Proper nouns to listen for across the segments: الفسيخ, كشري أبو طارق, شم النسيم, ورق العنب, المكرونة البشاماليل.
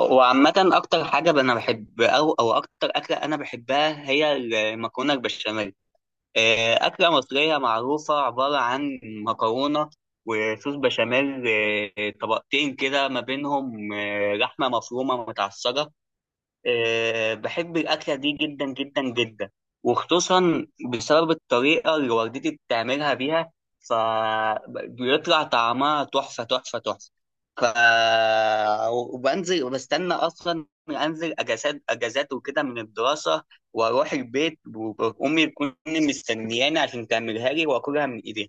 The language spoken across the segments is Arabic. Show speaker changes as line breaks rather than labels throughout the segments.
وعامة، أكتر حاجة أنا بحب أو أكتر أكلة أنا بحبها هي المكرونة البشاميل. أكلة مصرية معروفة، عبارة عن مكرونة وصوص بشاميل، طبقتين كده ما بينهم لحمة مفرومة متعصرة. بحب الأكلة دي جدا جدا جدا، وخصوصا بسبب الطريقة اللي والدتي بتعملها بيها، فبيطلع طعمها تحفة تحفة تحفة. ف وبنزل وبستنى أصلا أنزل أجازات أجازات وكده من الدراسة، وأروح البيت، وأمي تكون مستنياني عشان تعملها لي وأكلها من إيديها،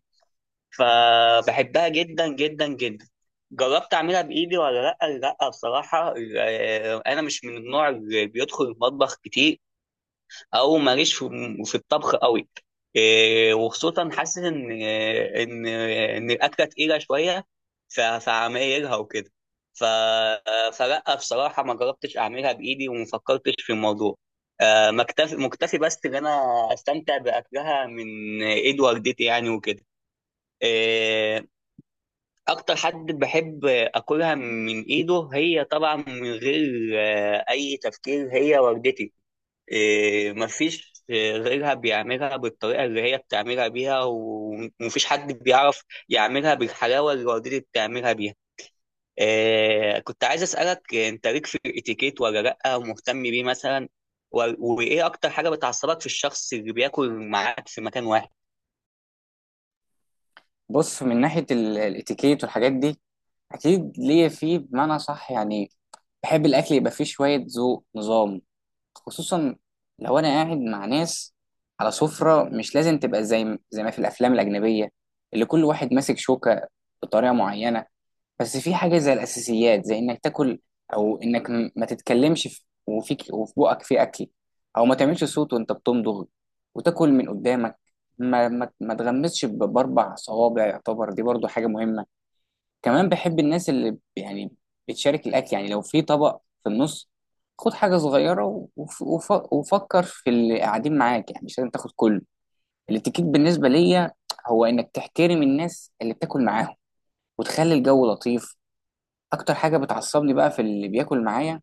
فبحبها جدا جدا جدا. جربت اعملها بايدي ولا لا؟ لا بصراحه، انا مش من النوع اللي بيدخل المطبخ كتير، او ماليش في الطبخ قوي. وخصوصا حاسس ان الاكله تقيله شويه، فعمايلها وكده. ف آه، فلا بصراحه ما جربتش اعملها بايدي وما فكرتش في الموضوع. مكتفي مكتفي بس ان انا استمتع باكلها من ايد والدتي يعني وكده. آه، اكتر حد بحب اكلها من ايده هي طبعا من غير اي تفكير هي والدتي. مفيش غيرها بيعملها بالطريقه اللي هي بتعملها بيها، و- ومفيش حد بيعرف يعملها بالحلاوه اللي والدتي بتعملها بيها. كنت عايز اسالك، انت ليك في الاتيكيت ولا لا مهتم بيه مثلا؟ و- وايه اكتر حاجه بتعصبك في الشخص اللي بياكل معاك في مكان واحد؟
بص من ناحية الاتيكيت والحاجات دي. أكيد ليا فيه بمعنى صح، يعني بحب الأكل يبقى فيه شوية ذوق نظام، خصوصا لو أنا قاعد مع ناس على سفرة. مش لازم تبقى زي ما في الأفلام الأجنبية اللي كل واحد ماسك شوكة بطريقة معينة. بس في حاجة زي الأساسيات، زي إنك تاكل، أو إنك ما تتكلمش وفيك وفي بقك في أكل، أو ما تعملش صوت وأنت بتمضغ، وتاكل من قدامك، ما تغمسش بأربع صوابع. يعتبر دي برضو حاجة مهمة. كمان بحب الناس اللي يعني بتشارك الأكل. يعني لو في طبق في النص، خد حاجة صغيرة وفكر في اللي قاعدين معاك. يعني مش لازم تاخد كله. الاتيكيت بالنسبة ليا هو إنك تحترم الناس اللي بتاكل معاهم، وتخلي الجو لطيف. اكتر حاجه بتعصبني بقى في اللي بياكل معايا.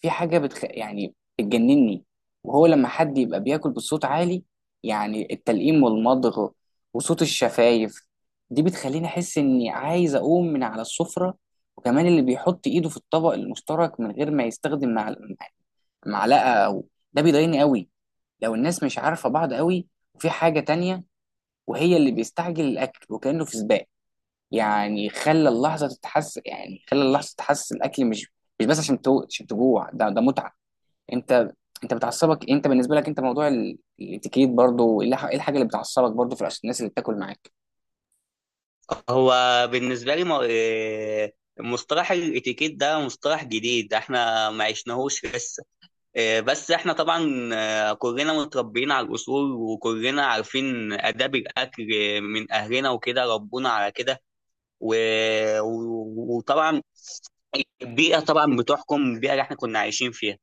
في حاجه يعني بتجنني، وهو لما حد يبقى بياكل بصوت عالي، يعني التلقيم والمضغ وصوت الشفايف. دي بتخليني احس اني عايز اقوم من على السفره. وكمان اللي بيحط ايده في الطبق المشترك من غير ما يستخدم معلقه او، ده بيضايقني قوي لو الناس مش عارفه بعض قوي. وفي حاجه تانية، وهي اللي بيستعجل الاكل وكانه في سباق. يعني خلى اللحظه تتحس الاكل، مش بس عشان عشان تجوع، ده متعه. انت انت بتعصبك انت، بالنسبه لك انت، موضوع الاتيكيت برضو، إيه الحاجه اللي بتعصبك برضو في الناس اللي بتاكل معاك؟
هو بالنسبة لي، م- إيه، مصطلح الاتيكيت ده مصطلح جديد، احنا ما عشناهوش لسه. بس احنا طبعا كلنا متربيين على الاصول، وكلنا عارفين آداب الاكل من اهلنا وكده ربونا على كده. و- و- وطبعا البيئة طبعا بتحكم، البيئة اللي احنا كنا عايشين فيها.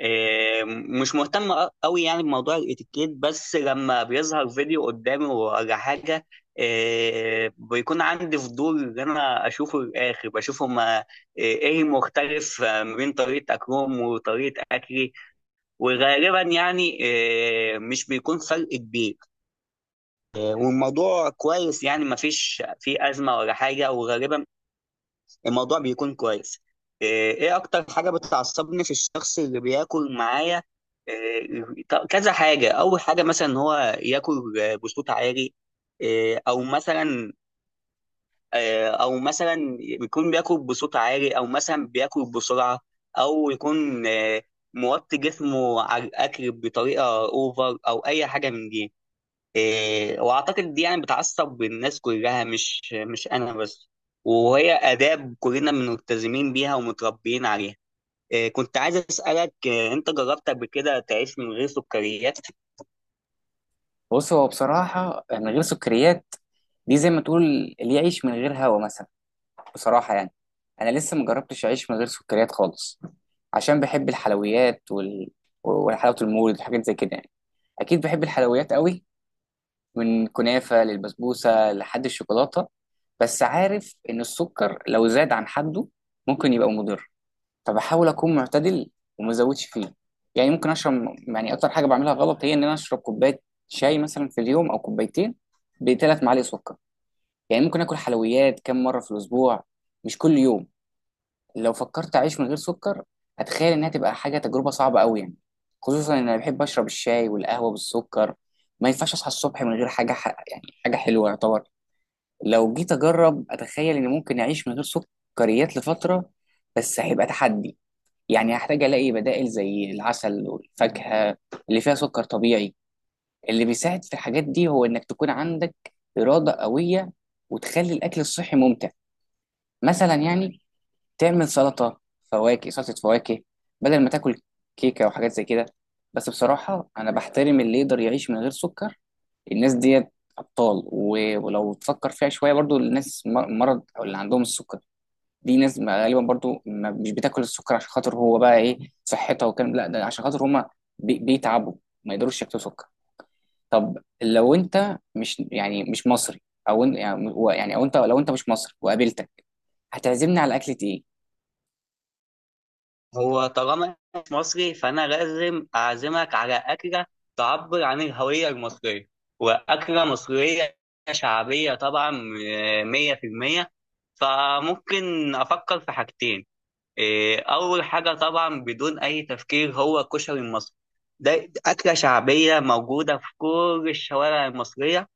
مش مهتم قوي يعني بموضوع الاتيكيت، بس لما بيظهر فيديو قدامي ولا حاجه بيكون عندي فضول ان انا اشوفه للاخر، بشوف هما ايه المختلف ما بين طريقه اكلهم وطريقه اكلي. وغالبا يعني مش بيكون فرق كبير. والموضوع كويس يعني ما فيش فيه ازمه ولا حاجه، وغالبا الموضوع بيكون كويس. إيه إيه اكتر حاجة بتعصبني في الشخص اللي بياكل معايا؟ كذا حاجة، اول حاجة مثلا ان هو ياكل بصوت عالي. او مثلا، او مثلا بيكون بياكل بصوت عالي، او مثلا بياكل بسرعة، او يكون موطي جسمه على الاكل بطريقة اوفر، او اي حاجة من دي. واعتقد دي يعني بتعصب الناس كلها، مش انا بس، وهي اداب كلنا ملتزمين بيها ومتربيين عليها. كنت عايز اسالك، انت جربت قبل كده تعيش من غير سكريات؟
بص، هو بصراحه من غير سكريات دي زي ما تقول اللي يعيش من غير هوا مثلا. بصراحه يعني انا لسه مجربتش اعيش من غير سكريات خالص، عشان بحب الحلويات وحلاوه المولد وحاجات زي كده. يعني اكيد بحب الحلويات قوي، من كنافة للبسبوسة لحد الشوكولاتة. بس عارف إن السكر لو زاد عن حده ممكن يبقى مضر، فبحاول أكون معتدل وما أزودش فيه. يعني ممكن أشرب يعني أكتر حاجة بعملها غلط هي إن أنا أشرب كوباية شاي مثلا في اليوم أو كوبايتين ب3 معالق سكر. يعني ممكن آكل حلويات كم مرة في الأسبوع، مش كل يوم. لو فكرت اعيش من غير سكر، هتخيل انها تبقى حاجه تجربه صعبه قوي، يعني خصوصا ان انا بحب اشرب الشاي والقهوه بالسكر. ما ينفعش اصحى الصبح من غير يعني حاجه حلوه يعتبر. لو جيت اجرب، اتخيل اني ممكن اعيش من غير سكريات لفتره، بس هيبقى تحدي. يعني هحتاج الاقي بدائل زي العسل والفاكهه اللي فيها سكر طبيعي. اللي بيساعد في الحاجات دي هو انك تكون عندك اراده قويه، وتخلي الاكل الصحي ممتع. مثلا يعني تعمل سلطة فواكه بدل ما تاكل كيكة وحاجات زي كده. بس بصراحة أنا بحترم اللي يقدر يعيش من غير سكر، الناس ديت أبطال. و- ولو تفكر فيها شوية برضو، الناس مرض أو اللي عندهم السكر، دي ناس غالبا برضو ما مش بتاكل السكر عشان خاطر هو بقى إيه، صحتها وكلام. لا، ده عشان خاطر هما بيتعبوا، ما يقدروش ياكلوا سكر. طب لو أنت مش مش مصري، أو إن- يعني يعني أو أنت لو أنت مش مصري وقابلتك، هتعزمني على أكلة إيه؟
هو طالما إنت مصري فانا لازم اعزمك على اكله تعبر عن الهويه المصريه، واكله مصريه شعبيه طبعا، 100%. فممكن افكر في حاجتين. أول حاجة طبعا بدون أي تفكير هو الكشري المصري. ده أكلة شعبية موجودة في كل الشوارع المصرية،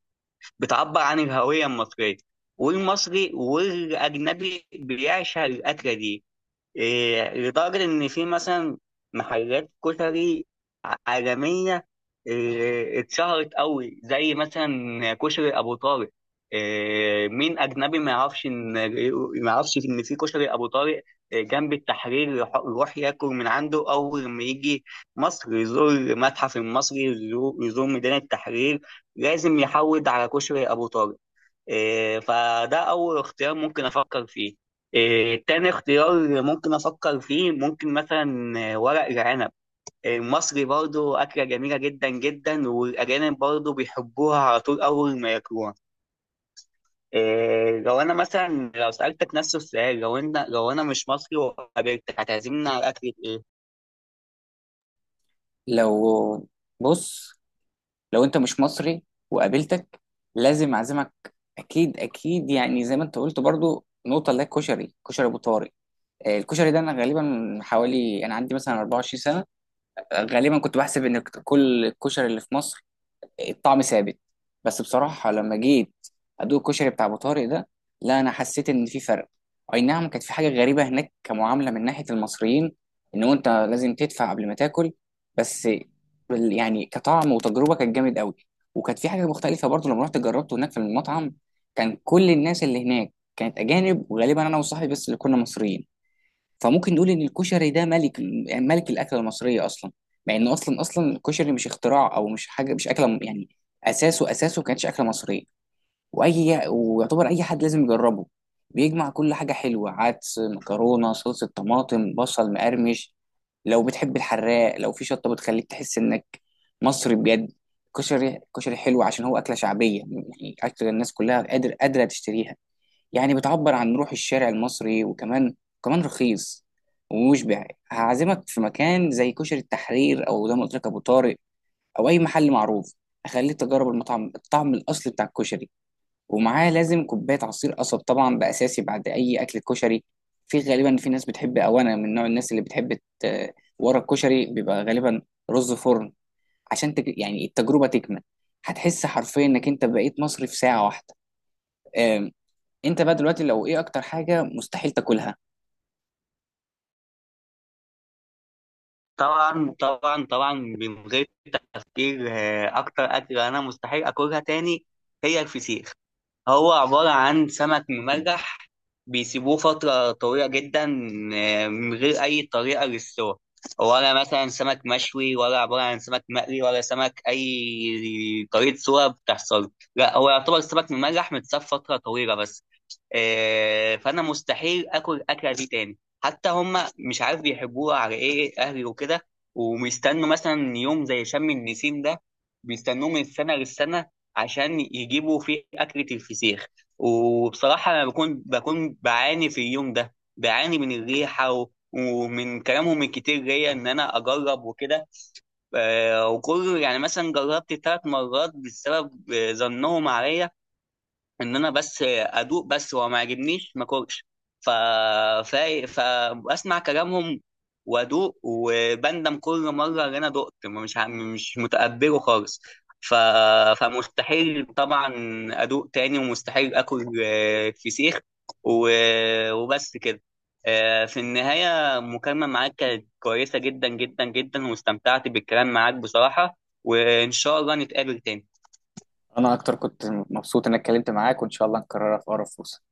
بتعبر عن الهوية المصرية، والمصري والأجنبي بيعشق الأكلة دي لدرجة إن في مثلا محلات كشري عالمية اتشهرت قوي، زي مثلا كشري أبو طارق. مين أجنبي ما يعرفش إن في كشري أبو طارق جنب التحرير؟ يروح ياكل من عنده أول ما يجي مصر، يزور المتحف المصري، يزور ميدان التحرير، لازم يحود على كشري أبو طارق. فده أول اختيار ممكن أفكر فيه. تاني اختيار ممكن أفكر فيه ممكن مثلا ورق العنب المصري برضو، أكلة جميلة جدا جدا والأجانب برضو بيحبوها على طول أول ما ياكلوها. لو أنا مثلا لو سألتك نفس السؤال، لو أنا مش مصري وقابلتك هتعزمني على أكلة إيه؟
لو، بص، انت مش مصري وقابلتك لازم اعزمك. اكيد اكيد، يعني زي ما انت قلت برضو، نقطه اللي هي الكشري، كشري ابو طارق. الكشري ده انا غالبا من حوالي انا عندي مثلا 24 سنه. غالبا كنت بحسب ان كل الكشري اللي في مصر الطعم ثابت. بس بصراحه لما جيت ادوق الكشري بتاع ابو طارق ده، لا، انا حسيت ان في فرق. اي نعم، كانت في حاجه غريبه هناك كمعامله من ناحيه المصريين، ان انت لازم تدفع قبل ما تاكل. بس يعني كطعم وتجربه كانت جامد قوي. وكانت في حاجه مختلفه برضو لما رحت جربته هناك في المطعم. كان كل الناس اللي هناك كانت اجانب، وغالبا انا وصاحبي بس اللي كنا مصريين. فممكن نقول ان الكشري ده ملك، يعني ملك الاكله المصريه اصلا. مع ان اصلا اصلا الكشري مش اختراع، او مش حاجه، مش اكله يعني اساسه اساسه ما كانتش اكله مصريه. ويعتبر اي حد لازم يجربه. بيجمع كل حاجه حلوه، عدس، مكرونه، صلصه طماطم، بصل مقرمش. لو بتحب الحراق، لو في شطه، بتخليك تحس انك مصري بجد. كشري كشري حلو عشان هو اكله شعبيه، يعني اكله الناس كلها قادره تشتريها. يعني بتعبر عن روح الشارع المصري، وكمان رخيص ومشبع. هعزمك في مكان زي كشري التحرير، او زي ما قلت لك ابو طارق، او اي محل معروف. اخليك تجرب الطعم الاصلي بتاع الكشري. ومعاه لازم كوبايه عصير قصب، طبعا ده اساسي بعد اي اكل كشري. غالبا في ناس بتحب، او انا من نوع الناس اللي بتحب، ورا الكشري بيبقى غالبا رز فرن. عشان يعني التجربه تكمل. هتحس حرفيا انك انت بقيت مصري في ساعه واحده. انت بقى دلوقتي لو ايه اكتر حاجه مستحيل تاكلها؟
طبعا طبعا طبعا، من غير تفكير أكتر أكلة أنا مستحيل أكلها تاني هي الفسيخ. هو عبارة عن سمك منجح، بيسيبوه فترة طويلة جدا من غير أي طريقة للسوى، ولا مثلا سمك مشوي، ولا عبارة عن سمك مقلي، ولا سمك أي طريقة سوى بتحصل. لا، هو يعتبر سمك منجح متساب فترة طويلة بس. فأنا مستحيل آكل الأكلة دي تاني. حتى هما مش عارف بيحبوها على إيه، أهلي وكده وبيستنوا مثلا يوم زي شم النسيم ده، بيستنوه من السنة للسنة عشان يجيبوا فيه أكلة الفسيخ. وبصراحة أنا بكون بعاني في اليوم ده، بعاني من الريحة و... ومن كلامهم الكتير ليا إن أنا أجرب وكده. وكل يعني مثلا جربت 3 مرات بسبب ظنهم عليا ان انا بس ادوق بس، وما عجبنيش، ما كلش. ف... ف... فاسمع كلامهم وادوق وبندم كل مره ان انا دقت، مش متقبله خالص. ف... فمستحيل طبعا ادوق تاني، ومستحيل اكل فسيخ و... وبس كده. في النهايه، المكالمه معاك كانت كويسه جدا جدا جدا، واستمتعت بالكلام معاك بصراحه، وان شاء الله نتقابل تاني.
انا اكتر كنت مبسوط اني اتكلمت معاك، وان شاء الله نكررها في اقرب فرصه.